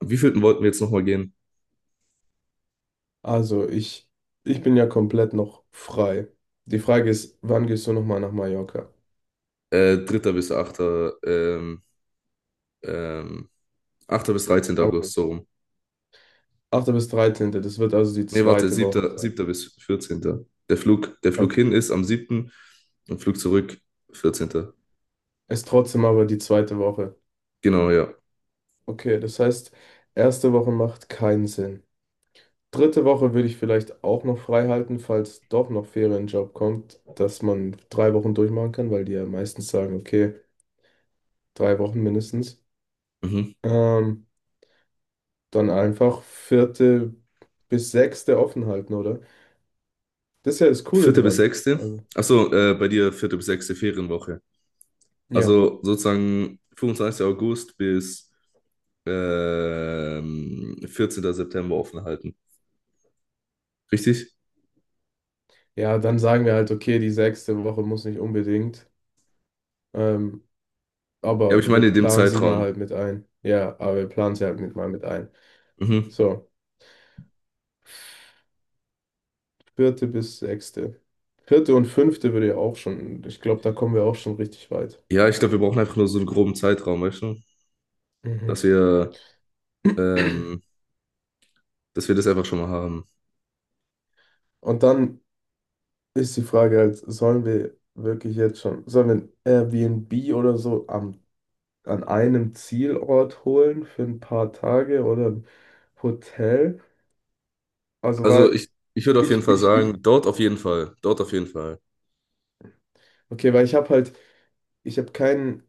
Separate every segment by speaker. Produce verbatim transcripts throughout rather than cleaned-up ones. Speaker 1: Wie vielten wollten wir jetzt nochmal gehen?
Speaker 2: Also ich, ich bin ja komplett noch frei. Die Frage ist, wann gehst du nochmal nach Mallorca?
Speaker 1: Äh, dritter bis acht. Ähm, ähm, achten bis dreizehnten August, so
Speaker 2: August.
Speaker 1: rum.
Speaker 2: achten bis dreizehnten. Das wird also die
Speaker 1: Nee, warte,
Speaker 2: zweite Woche
Speaker 1: siebter,
Speaker 2: sein.
Speaker 1: siebter bis vierzehn. Der Flug, der Flug
Speaker 2: Okay.
Speaker 1: hin ist am siebten, und Flug zurück vierzehnten.
Speaker 2: Ist trotzdem aber die zweite Woche.
Speaker 1: Genau, ja.
Speaker 2: Okay, das heißt, erste Woche macht keinen Sinn. Dritte Woche würde ich vielleicht auch noch frei halten, falls doch noch Ferienjob kommt, dass man drei Wochen durchmachen kann, weil die ja meistens sagen, okay, drei Wochen mindestens.
Speaker 1: Mhm.
Speaker 2: Ähm, Dann einfach vierte bis sechste offen halten, oder? Das ist ja das Coole
Speaker 1: vierte bis
Speaker 2: dran.
Speaker 1: sechste.
Speaker 2: Also,
Speaker 1: Achso, äh, bei dir vierte bis sechste Ferienwoche.
Speaker 2: ja.
Speaker 1: Also sozusagen fünfundzwanzigsten August bis ähm, vierzehnten September offen halten. Richtig?
Speaker 2: Ja, dann sagen wir halt, okay, die sechste Woche muss nicht unbedingt. Ähm,
Speaker 1: Ja, aber ich
Speaker 2: aber
Speaker 1: meine
Speaker 2: wir
Speaker 1: in dem
Speaker 2: planen sie mal
Speaker 1: Zeitraum.
Speaker 2: halt mit ein. Ja, aber wir planen sie halt mit mal mit ein.
Speaker 1: Mhm.
Speaker 2: So, vierte bis sechste. Vierte und fünfte würde ja auch schon, ich glaube, da kommen wir auch schon richtig weit.
Speaker 1: Ja, ich glaube, wir brauchen einfach nur so einen groben Zeitraum, weißt du?
Speaker 2: Mhm.
Speaker 1: Dass wir, ähm, dass wir das einfach schon mal haben.
Speaker 2: Und dann ist die Frage halt, sollen wir wirklich jetzt schon, sollen wir ein Airbnb oder so am, an einem Zielort holen für ein paar Tage oder ein Hotel? Also,
Speaker 1: Also
Speaker 2: weil.
Speaker 1: ich, ich würde auf jeden
Speaker 2: ich,
Speaker 1: Fall
Speaker 2: ich,
Speaker 1: sagen,
Speaker 2: ich,
Speaker 1: dort auf jeden Fall. Dort auf jeden Fall.
Speaker 2: okay, weil ich habe halt, ich habe kein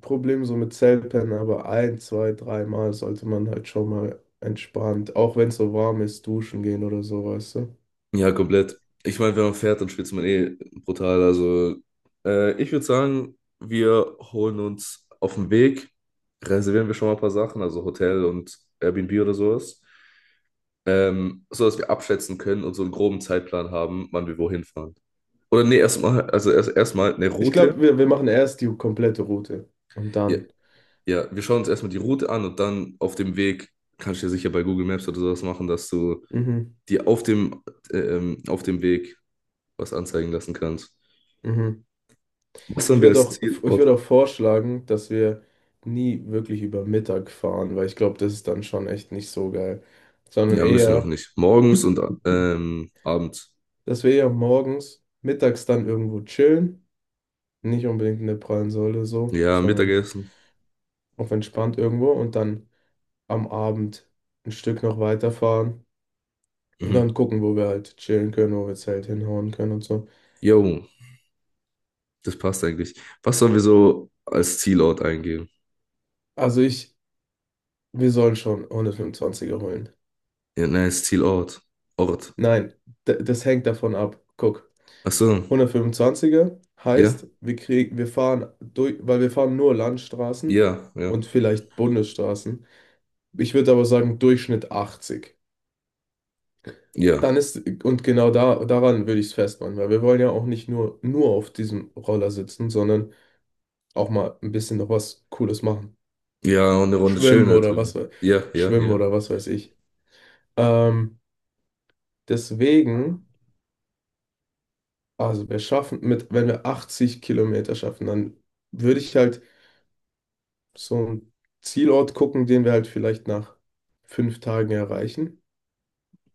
Speaker 2: Problem so mit Selpen, aber ein, zwei, dreimal sollte man halt schon mal entspannt, auch wenn es so warm ist, duschen gehen oder so, weißt du?
Speaker 1: Ja, komplett. Ich meine, wenn man fährt, dann schwitzt man eh brutal. Also äh, ich würde sagen, wir holen uns auf dem Weg, reservieren wir schon mal ein paar Sachen, also Hotel und Airbnb oder sowas. Ähm, so dass wir abschätzen können und so einen groben Zeitplan haben, wann wir wohin fahren. Oder nee, erstmal, also erst erstmal eine
Speaker 2: Ich
Speaker 1: Route.
Speaker 2: glaube, wir, wir machen erst die komplette Route und
Speaker 1: Ja,
Speaker 2: dann.
Speaker 1: ja, wir schauen uns erstmal die Route an und dann auf dem Weg kannst du ja sicher bei Google Maps oder sowas machen, dass du
Speaker 2: Mhm,
Speaker 1: dir auf dem, ähm, auf dem Weg was anzeigen lassen kannst.
Speaker 2: mhm.
Speaker 1: Was haben
Speaker 2: Ich
Speaker 1: wir
Speaker 2: würde
Speaker 1: als
Speaker 2: auch, ich
Speaker 1: Zielort?
Speaker 2: würde auch vorschlagen, dass wir nie wirklich über Mittag fahren, weil ich glaube, das ist dann schon echt nicht so geil, sondern
Speaker 1: Ja, müssen wir auch
Speaker 2: eher,
Speaker 1: nicht. Morgens und ähm, abends.
Speaker 2: dass wir eher morgens, mittags dann irgendwo chillen. Nicht unbedingt in der prallen Säule so,
Speaker 1: Ja,
Speaker 2: sondern
Speaker 1: Mittagessen.
Speaker 2: auf entspannt irgendwo und dann am Abend ein Stück noch weiterfahren und
Speaker 1: Mhm.
Speaker 2: dann gucken, wo wir halt chillen können, wo wir Zelt hinhauen können und so.
Speaker 1: Jo, das passt eigentlich. Was sollen wir so als Zielort eingeben?
Speaker 2: Also ich, wir sollen schon hundertfünfundzwanziger holen.
Speaker 1: Ja, nein, als Zielort. Ort.
Speaker 2: Nein, d- das hängt davon ab. Guck,
Speaker 1: Ach so,
Speaker 2: hundertfünfundzwanziger
Speaker 1: ja,
Speaker 2: heißt, wir kriegen, wir fahren durch, weil wir fahren nur Landstraßen
Speaker 1: ja, ja,
Speaker 2: und vielleicht Bundesstraßen. Ich würde aber sagen, Durchschnitt achtzig.
Speaker 1: ja.
Speaker 2: Dann ist, und genau da, daran würde ich es festmachen, weil wir wollen ja auch nicht nur, nur auf diesem Roller sitzen, sondern auch mal ein bisschen noch was Cooles machen.
Speaker 1: Ja, und eine Runde chillen
Speaker 2: Schwimmen
Speaker 1: halt
Speaker 2: oder was,
Speaker 1: irgendwie.
Speaker 2: we-
Speaker 1: Ja, ja,
Speaker 2: schwimmen
Speaker 1: ja.
Speaker 2: oder was weiß ich. Ähm, Deswegen, also wir schaffen mit, wenn wir achtzig Kilometer schaffen, dann würde ich halt so einen Zielort gucken, den wir halt vielleicht nach fünf Tagen erreichen.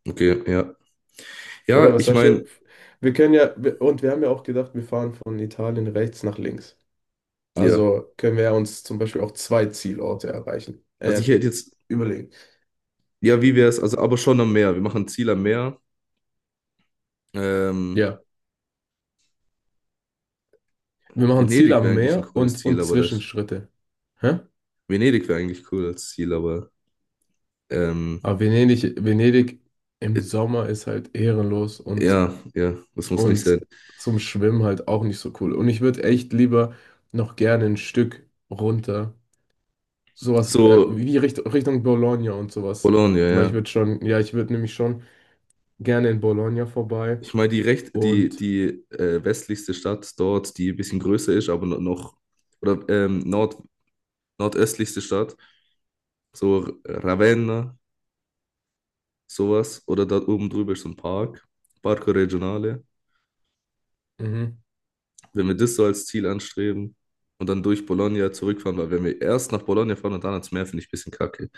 Speaker 1: Okay, ja.
Speaker 2: Oder
Speaker 1: Ja,
Speaker 2: was
Speaker 1: ich
Speaker 2: sagst du?
Speaker 1: meine,
Speaker 2: Wir können ja, wir- und wir haben ja auch gedacht, wir fahren von Italien rechts nach links.
Speaker 1: ja,
Speaker 2: Also können wir uns zum Beispiel auch zwei Zielorte erreichen,
Speaker 1: also ich
Speaker 2: äh,
Speaker 1: hätte jetzt,
Speaker 2: überlegen.
Speaker 1: ja, wie wäre es, also aber schon am Meer. Wir machen ein Ziel am Meer. Ähm,
Speaker 2: Ja, wir machen Ziel
Speaker 1: Venedig
Speaker 2: am
Speaker 1: wäre eigentlich ein
Speaker 2: Meer
Speaker 1: cooles
Speaker 2: und,
Speaker 1: Ziel,
Speaker 2: und
Speaker 1: aber das,
Speaker 2: Zwischenschritte. Hä?
Speaker 1: Venedig wäre eigentlich cool als Ziel, aber ähm,
Speaker 2: Aber Venedig, Venedig im
Speaker 1: it-
Speaker 2: Sommer ist halt ehrenlos und,
Speaker 1: ja, ja, das muss nicht
Speaker 2: und
Speaker 1: sein.
Speaker 2: zum Schwimmen halt auch nicht so cool. Und ich würde echt lieber noch gerne ein Stück runter, sowas äh,
Speaker 1: So,
Speaker 2: wie Richt Richtung Bologna und sowas.
Speaker 1: Bologna,
Speaker 2: Weil ich
Speaker 1: ja.
Speaker 2: würde schon, ja, ich würde nämlich schon gerne in Bologna vorbei
Speaker 1: Ich meine, die recht, die,
Speaker 2: und
Speaker 1: die äh, westlichste Stadt dort, die ein bisschen größer ist, aber no- noch, oder ähm, Nord, nordöstlichste Stadt, so Ravenna, sowas, oder da oben drüber ist so ein Park, Parco Regionale.
Speaker 2: mhm.
Speaker 1: Wenn wir das so als Ziel anstreben und dann durch Bologna zurückfahren, weil wenn wir erst nach Bologna fahren und dann ans Meer, finde ich ein bisschen kacke.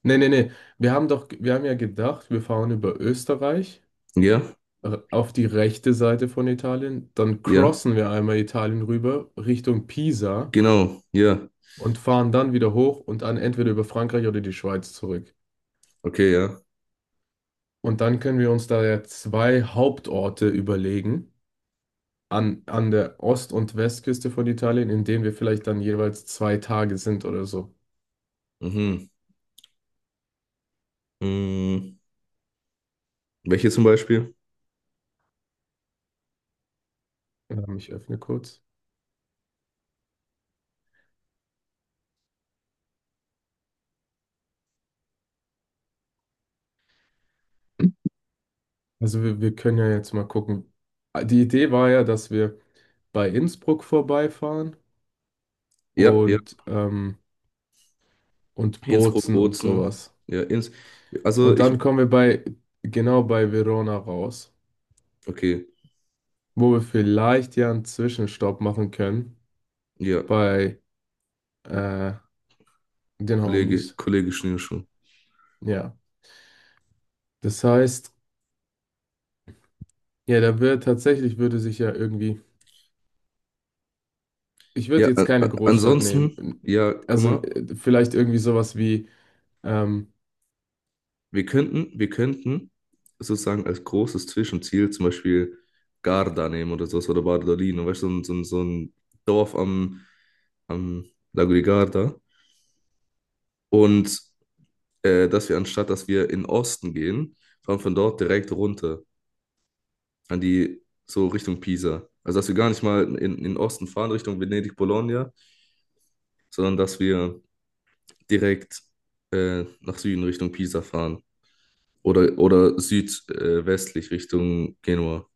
Speaker 2: Nee, nee, nee. Wir haben doch, wir haben ja gedacht, wir fahren über Österreich
Speaker 1: Ja,
Speaker 2: äh, auf die rechte Seite von Italien, dann
Speaker 1: ja,
Speaker 2: crossen wir einmal Italien rüber Richtung Pisa
Speaker 1: genau, ja,
Speaker 2: und fahren dann wieder hoch und dann entweder über Frankreich oder die Schweiz zurück.
Speaker 1: okay, ja.
Speaker 2: Und dann können wir uns da ja zwei Hauptorte überlegen an, an der Ost- und Westküste von Italien, in denen wir vielleicht dann jeweils zwei Tage sind oder so.
Speaker 1: Mhm. Mhm. Welche zum Beispiel?
Speaker 2: Ähm, ich öffne kurz. Also wir, wir können ja jetzt mal gucken. Ah, die Idee war ja, dass wir bei Innsbruck vorbeifahren
Speaker 1: Ja, ja,
Speaker 2: und, ähm, und
Speaker 1: Innsbruck,
Speaker 2: Bozen und
Speaker 1: Bozen,
Speaker 2: sowas.
Speaker 1: ja, Inns also
Speaker 2: Und
Speaker 1: ich,
Speaker 2: dann kommen wir bei, genau bei Verona raus,
Speaker 1: okay,
Speaker 2: wo wir vielleicht ja einen Zwischenstopp machen können
Speaker 1: ja,
Speaker 2: bei äh, den
Speaker 1: Kollege,
Speaker 2: Homies.
Speaker 1: Kollege Schnürschuh.
Speaker 2: Ja, das heißt, ja, da wird tatsächlich, würde sich ja irgendwie, ich
Speaker 1: Ja,
Speaker 2: würde jetzt
Speaker 1: a-
Speaker 2: keine
Speaker 1: a-
Speaker 2: Großstadt
Speaker 1: ansonsten,
Speaker 2: nehmen.
Speaker 1: ja, guck
Speaker 2: Also
Speaker 1: mal,
Speaker 2: äh, vielleicht irgendwie sowas wie, ähm,
Speaker 1: Wir könnten, wir könnten sozusagen als großes Zwischenziel zum Beispiel Garda nehmen oder sowas oder Bardolino, weißt du, so ein, so ein, so ein Dorf am, am Lago di Garda. Und äh, dass wir anstatt, dass wir in den Osten gehen, fahren von dort direkt runter an die, so Richtung Pisa. Also dass wir gar nicht mal in, in den Osten fahren, Richtung Venedig, Bologna, sondern dass wir direkt äh, nach Süden Richtung Pisa fahren. Oder, oder südwestlich äh, westlich Richtung Genua.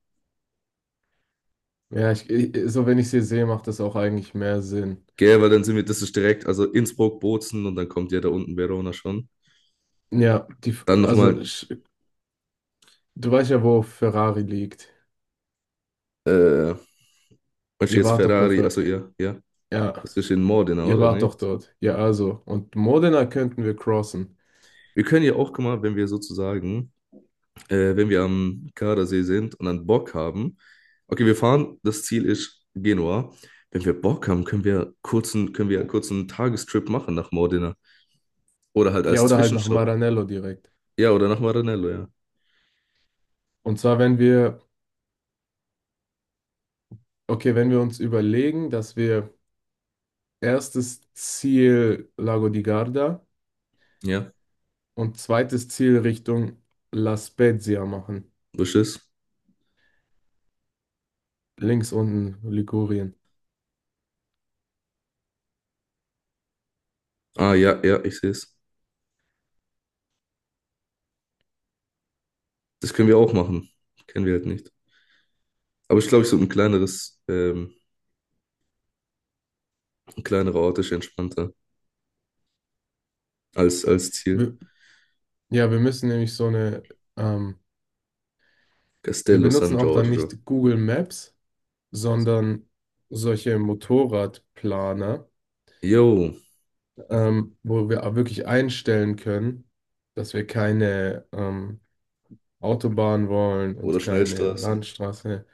Speaker 2: ja, ich, ich- so wenn ich sie sehe, macht das auch eigentlich mehr Sinn.
Speaker 1: Gell, weil dann sind wir, das ist direkt, also Innsbruck, Bozen und dann kommt ja da unten Verona schon.
Speaker 2: Ja, die,
Speaker 1: Dann
Speaker 2: also
Speaker 1: nochmal,
Speaker 2: du weißt ja, wo Ferrari liegt.
Speaker 1: äh, was ist
Speaker 2: Ihr
Speaker 1: jetzt
Speaker 2: wart doch bei
Speaker 1: Ferrari,
Speaker 2: Fer
Speaker 1: also ja, ja,
Speaker 2: ja,
Speaker 1: das ist in Modena,
Speaker 2: ihr
Speaker 1: oder
Speaker 2: wart doch
Speaker 1: nicht?
Speaker 2: dort. Ja, also. Und Modena könnten wir crossen.
Speaker 1: Wir können ja auch, guck mal, wenn wir sozusagen, äh, wenn wir am Gardasee sind und dann Bock haben, okay, wir fahren, das Ziel ist Genua. Wenn wir Bock haben, können wir kurzen, können wir einen kurzen Tagestrip machen nach Modena. Oder halt
Speaker 2: Ja,
Speaker 1: als
Speaker 2: oder halt nach
Speaker 1: Zwischenstopp.
Speaker 2: Maranello direkt.
Speaker 1: Ja, oder nach Maranello, ja.
Speaker 2: Und zwar, wenn wir, okay, wenn wir uns überlegen, dass wir erstes Ziel Lago di Garda
Speaker 1: Ja,
Speaker 2: und zweites Ziel Richtung La Spezia machen.
Speaker 1: was ist?
Speaker 2: Links unten Ligurien.
Speaker 1: Ah, ja, ja, ich sehe es. Das können wir auch machen. Kennen wir halt nicht. Aber ich glaube, ich so ein kleineres, ähm, ein kleinerer Ort ist entspannter als, als Ziel.
Speaker 2: Wir, ja, wir müssen nämlich so eine, ähm, wir
Speaker 1: Castello San
Speaker 2: benutzen auch dann
Speaker 1: Giorgio.
Speaker 2: nicht Google Maps, sondern solche Motorradplaner,
Speaker 1: Jo.
Speaker 2: ähm, wo wir auch wirklich einstellen können, dass wir keine ähm, Autobahn wollen und
Speaker 1: Oder
Speaker 2: keine
Speaker 1: Schnellstraßen.
Speaker 2: Landstraße.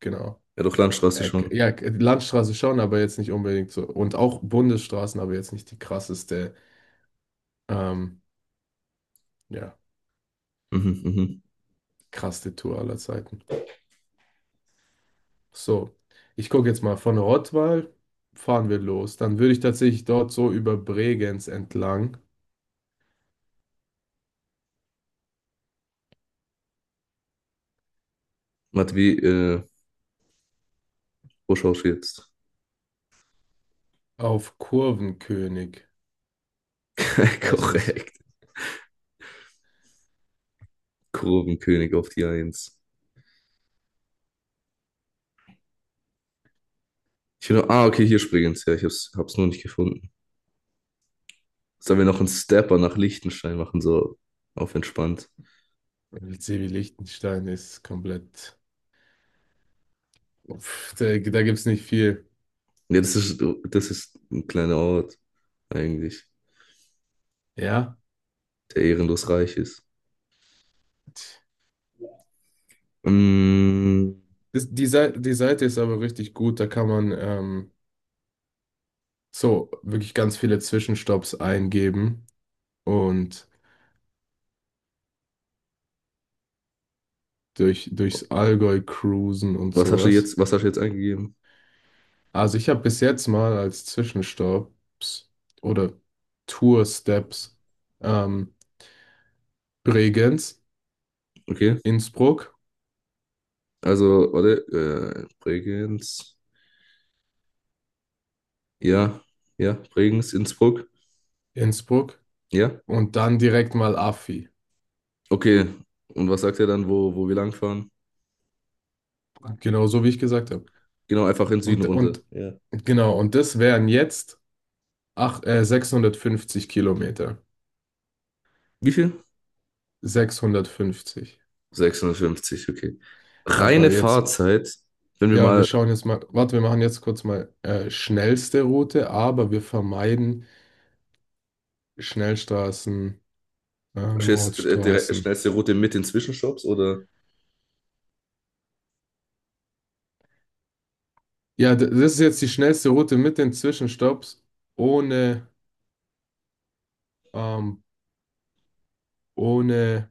Speaker 2: Genau.
Speaker 1: Ja, doch Landstraße
Speaker 2: Äh, k-
Speaker 1: schon.
Speaker 2: ja, k- Landstraße schon, aber jetzt nicht unbedingt so. Und auch Bundesstraßen, aber jetzt nicht die krasseste, ähm, ja,
Speaker 1: Mhm, mhm.
Speaker 2: krasseste Tour aller Zeiten. So, ich gucke jetzt mal von Rottweil. Fahren wir los. Dann würde ich tatsächlich dort so über Bregenz entlang
Speaker 1: Warte, wie, äh, wo schaust du jetzt?
Speaker 2: auf Kurvenkönig, heißt es.
Speaker 1: Korrekt. Kurvenkönig auf die Eins. Ich will noch, ah, okay, hier springen's. Ja, ich hab's, hab's nur nicht gefunden. Sollen wir noch einen Stepper nach Liechtenstein machen, so auf entspannt?
Speaker 2: L C wie Liechtenstein ist komplett. Uff, da da gibt es nicht viel.
Speaker 1: Ja, das ist, das ist ein kleiner Ort, eigentlich,
Speaker 2: Ja.
Speaker 1: der ehrenlos reich ist. Mm,
Speaker 2: Das, die, Seite, die Seite ist aber richtig gut. Da kann man ähm, so wirklich ganz viele Zwischenstopps eingeben und durch, durchs Allgäu cruisen und
Speaker 1: Was hast du
Speaker 2: sowas.
Speaker 1: jetzt, was hast du jetzt eingegeben?
Speaker 2: Also ich habe bis jetzt mal als Zwischenstopps oder Tour-Steps ähm, Bregenz,
Speaker 1: Okay,
Speaker 2: Innsbruck,
Speaker 1: also, warte, äh, Bregenz, ja, ja, Bregenz, Innsbruck,
Speaker 2: Innsbruck
Speaker 1: ja,
Speaker 2: und dann direkt mal Affi.
Speaker 1: okay. Und was sagt er dann, wo, wo wir langfahren?
Speaker 2: Genau so wie ich gesagt habe.
Speaker 1: Genau, einfach in den Süden
Speaker 2: Und,
Speaker 1: runter.
Speaker 2: und
Speaker 1: Ja.
Speaker 2: genau, und das wären jetzt ach, äh, sechshundertfünfzig Kilometer.
Speaker 1: Wie viel?
Speaker 2: Sechshundertfünfzig.
Speaker 1: sechshundertfünfzig, okay. Reine
Speaker 2: Aber jetzt,
Speaker 1: Fahrzeit, wenn wir
Speaker 2: ja, wir
Speaker 1: mal,
Speaker 2: schauen jetzt mal, warte, wir machen jetzt kurz mal äh, schnellste Route, aber wir vermeiden Schnellstraßen, äh,
Speaker 1: verstehst, äh, direkt-
Speaker 2: Mautstraßen.
Speaker 1: schnellste Route mit den Zwischenstopps oder?
Speaker 2: Ja, d- das ist jetzt die schnellste Route mit den Zwischenstopps ohne, ähm, ohne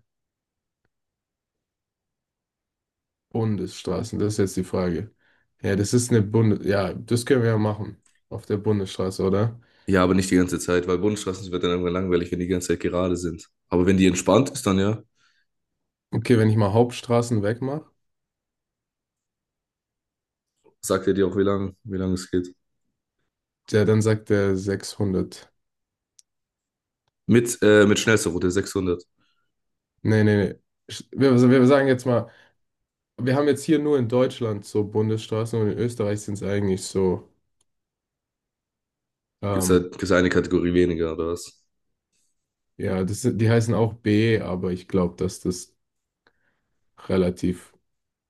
Speaker 2: Bundesstraßen. Das ist jetzt die Frage. Ja, das ist eine Bundes, ja, das können wir ja machen auf der Bundesstraße, oder?
Speaker 1: Ja, aber nicht die ganze Zeit, weil Bundesstraßen wird dann irgendwann langweilig, wenn die ganze Zeit gerade sind. Aber wenn die entspannt ist, dann ja,
Speaker 2: Okay, wenn ich mal Hauptstraßen wegmache,
Speaker 1: sagt er dir auch, wie lang, wie lang es geht.
Speaker 2: ja, dann sagt der sechshundert.
Speaker 1: Mit, äh, mit schnellster Route sechshundert.
Speaker 2: Nee, nee, nee. Sch- Wir, also wir sagen jetzt mal, wir haben jetzt hier nur in Deutschland so Bundesstraßen und in Österreich sind es eigentlich so,
Speaker 1: Gibt es
Speaker 2: ähm,
Speaker 1: halt, gibt's eine Kategorie weniger oder was?
Speaker 2: ja, das, sind- die heißen auch B, aber ich glaube, dass das relativ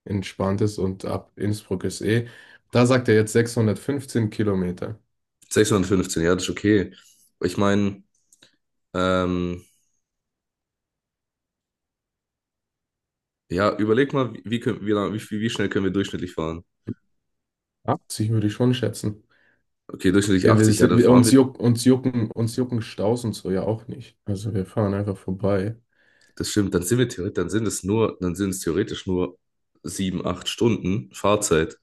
Speaker 2: entspannt ist und ab Innsbruck ist E. Da sagt er jetzt sechshundertfünfzehn Kilometer.
Speaker 1: Sechshundertfünfzehn, ja, das ist okay. Ich meine, ähm, ja, überleg mal, wie, wie, können- wie, lang- wie, wie wie schnell können wir durchschnittlich fahren?
Speaker 2: achtzig würde ich schon schätzen.
Speaker 1: Okay, durchschnittlich
Speaker 2: Wir, wir
Speaker 1: achtzig, ja,
Speaker 2: sind,
Speaker 1: dann
Speaker 2: wir,
Speaker 1: fahren
Speaker 2: uns
Speaker 1: wir,
Speaker 2: juck, uns jucken, uns jucken Staus und so ja auch nicht. Also wir fahren einfach vorbei.
Speaker 1: das stimmt, dann sind wir theoretisch, dann sind es nur, dann sind es theoretisch nur sieben acht Stunden Fahrzeit.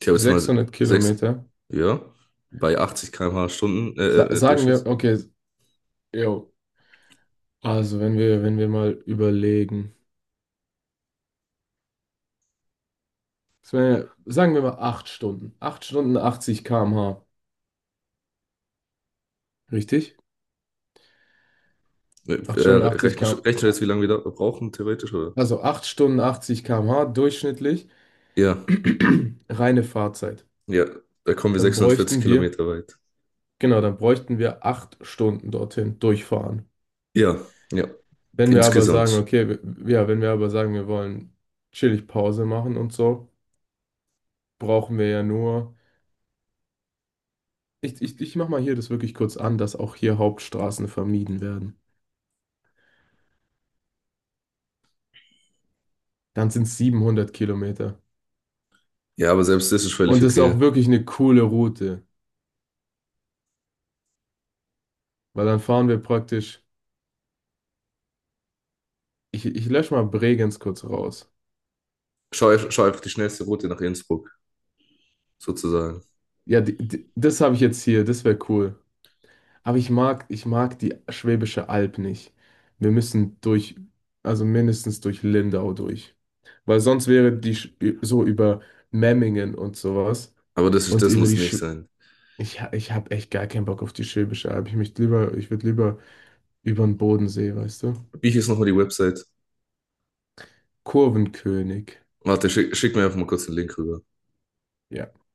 Speaker 1: Ich habe jetzt mal
Speaker 2: sechshundert
Speaker 1: sechs
Speaker 2: Kilometer.
Speaker 1: ja, bei achtzig Kilometer pro Stunde Stunden,
Speaker 2: Sa
Speaker 1: äh, äh, äh,
Speaker 2: Sagen wir,
Speaker 1: Durchschnitt.
Speaker 2: okay, jo, also wenn wir, wenn wir, mal überlegen. Es wär- Sagen wir mal acht Stunden. Acht Stunden achtzig Kilometer pro Stunde. Richtig?
Speaker 1: Äh,
Speaker 2: Acht Stunden achtzig
Speaker 1: rechnen,
Speaker 2: km,
Speaker 1: rechnen wir jetzt, wie lange wir da brauchen, theoretisch, oder?
Speaker 2: also acht Stunden achtzig Kilometer pro Stunde durchschnittlich,
Speaker 1: Ja,
Speaker 2: reine Fahrzeit.
Speaker 1: ja, da kommen wir
Speaker 2: Dann
Speaker 1: sechshundertvierzig
Speaker 2: bräuchten wir,
Speaker 1: Kilometer weit.
Speaker 2: genau, dann bräuchten wir acht Stunden dorthin durchfahren.
Speaker 1: Ja, ja.
Speaker 2: Wenn wir aber sagen,
Speaker 1: Insgesamt.
Speaker 2: okay, w- ja, wenn wir aber sagen, wir wollen chillig Pause machen und so, brauchen wir ja nur, ich, ich, ich mach mal hier das wirklich kurz an, dass auch hier Hauptstraßen vermieden werden. Dann sind es siebenhundert Kilometer.
Speaker 1: Ja, aber selbst das ist völlig
Speaker 2: Und das ist auch
Speaker 1: okay.
Speaker 2: wirklich eine coole Route, weil dann fahren wir praktisch, ich, ich lösche mal Bregenz kurz raus.
Speaker 1: Schau, einf- schau einfach die schnellste Route nach Innsbruck, sozusagen.
Speaker 2: Ja, die, die, das habe ich jetzt hier, das wäre cool. Aber ich mag, ich mag die Schwäbische Alb nicht. Wir müssen durch, also mindestens durch Lindau durch. Weil sonst wäre die Sch- so über Memmingen und sowas
Speaker 1: Aber das ist,
Speaker 2: und
Speaker 1: das
Speaker 2: über
Speaker 1: muss
Speaker 2: die Sch
Speaker 1: nicht sein.
Speaker 2: ich, ha- ich habe echt gar keinen Bock auf die Schwäbische Alb. Ich möchte lieber, ich würde lieber über den Bodensee, weißt du?
Speaker 1: Wie hieß nochmal die Website?
Speaker 2: Kurvenkönig.
Speaker 1: Warte, schick, schick mir einfach mal kurz den Link rüber.
Speaker 2: Ja.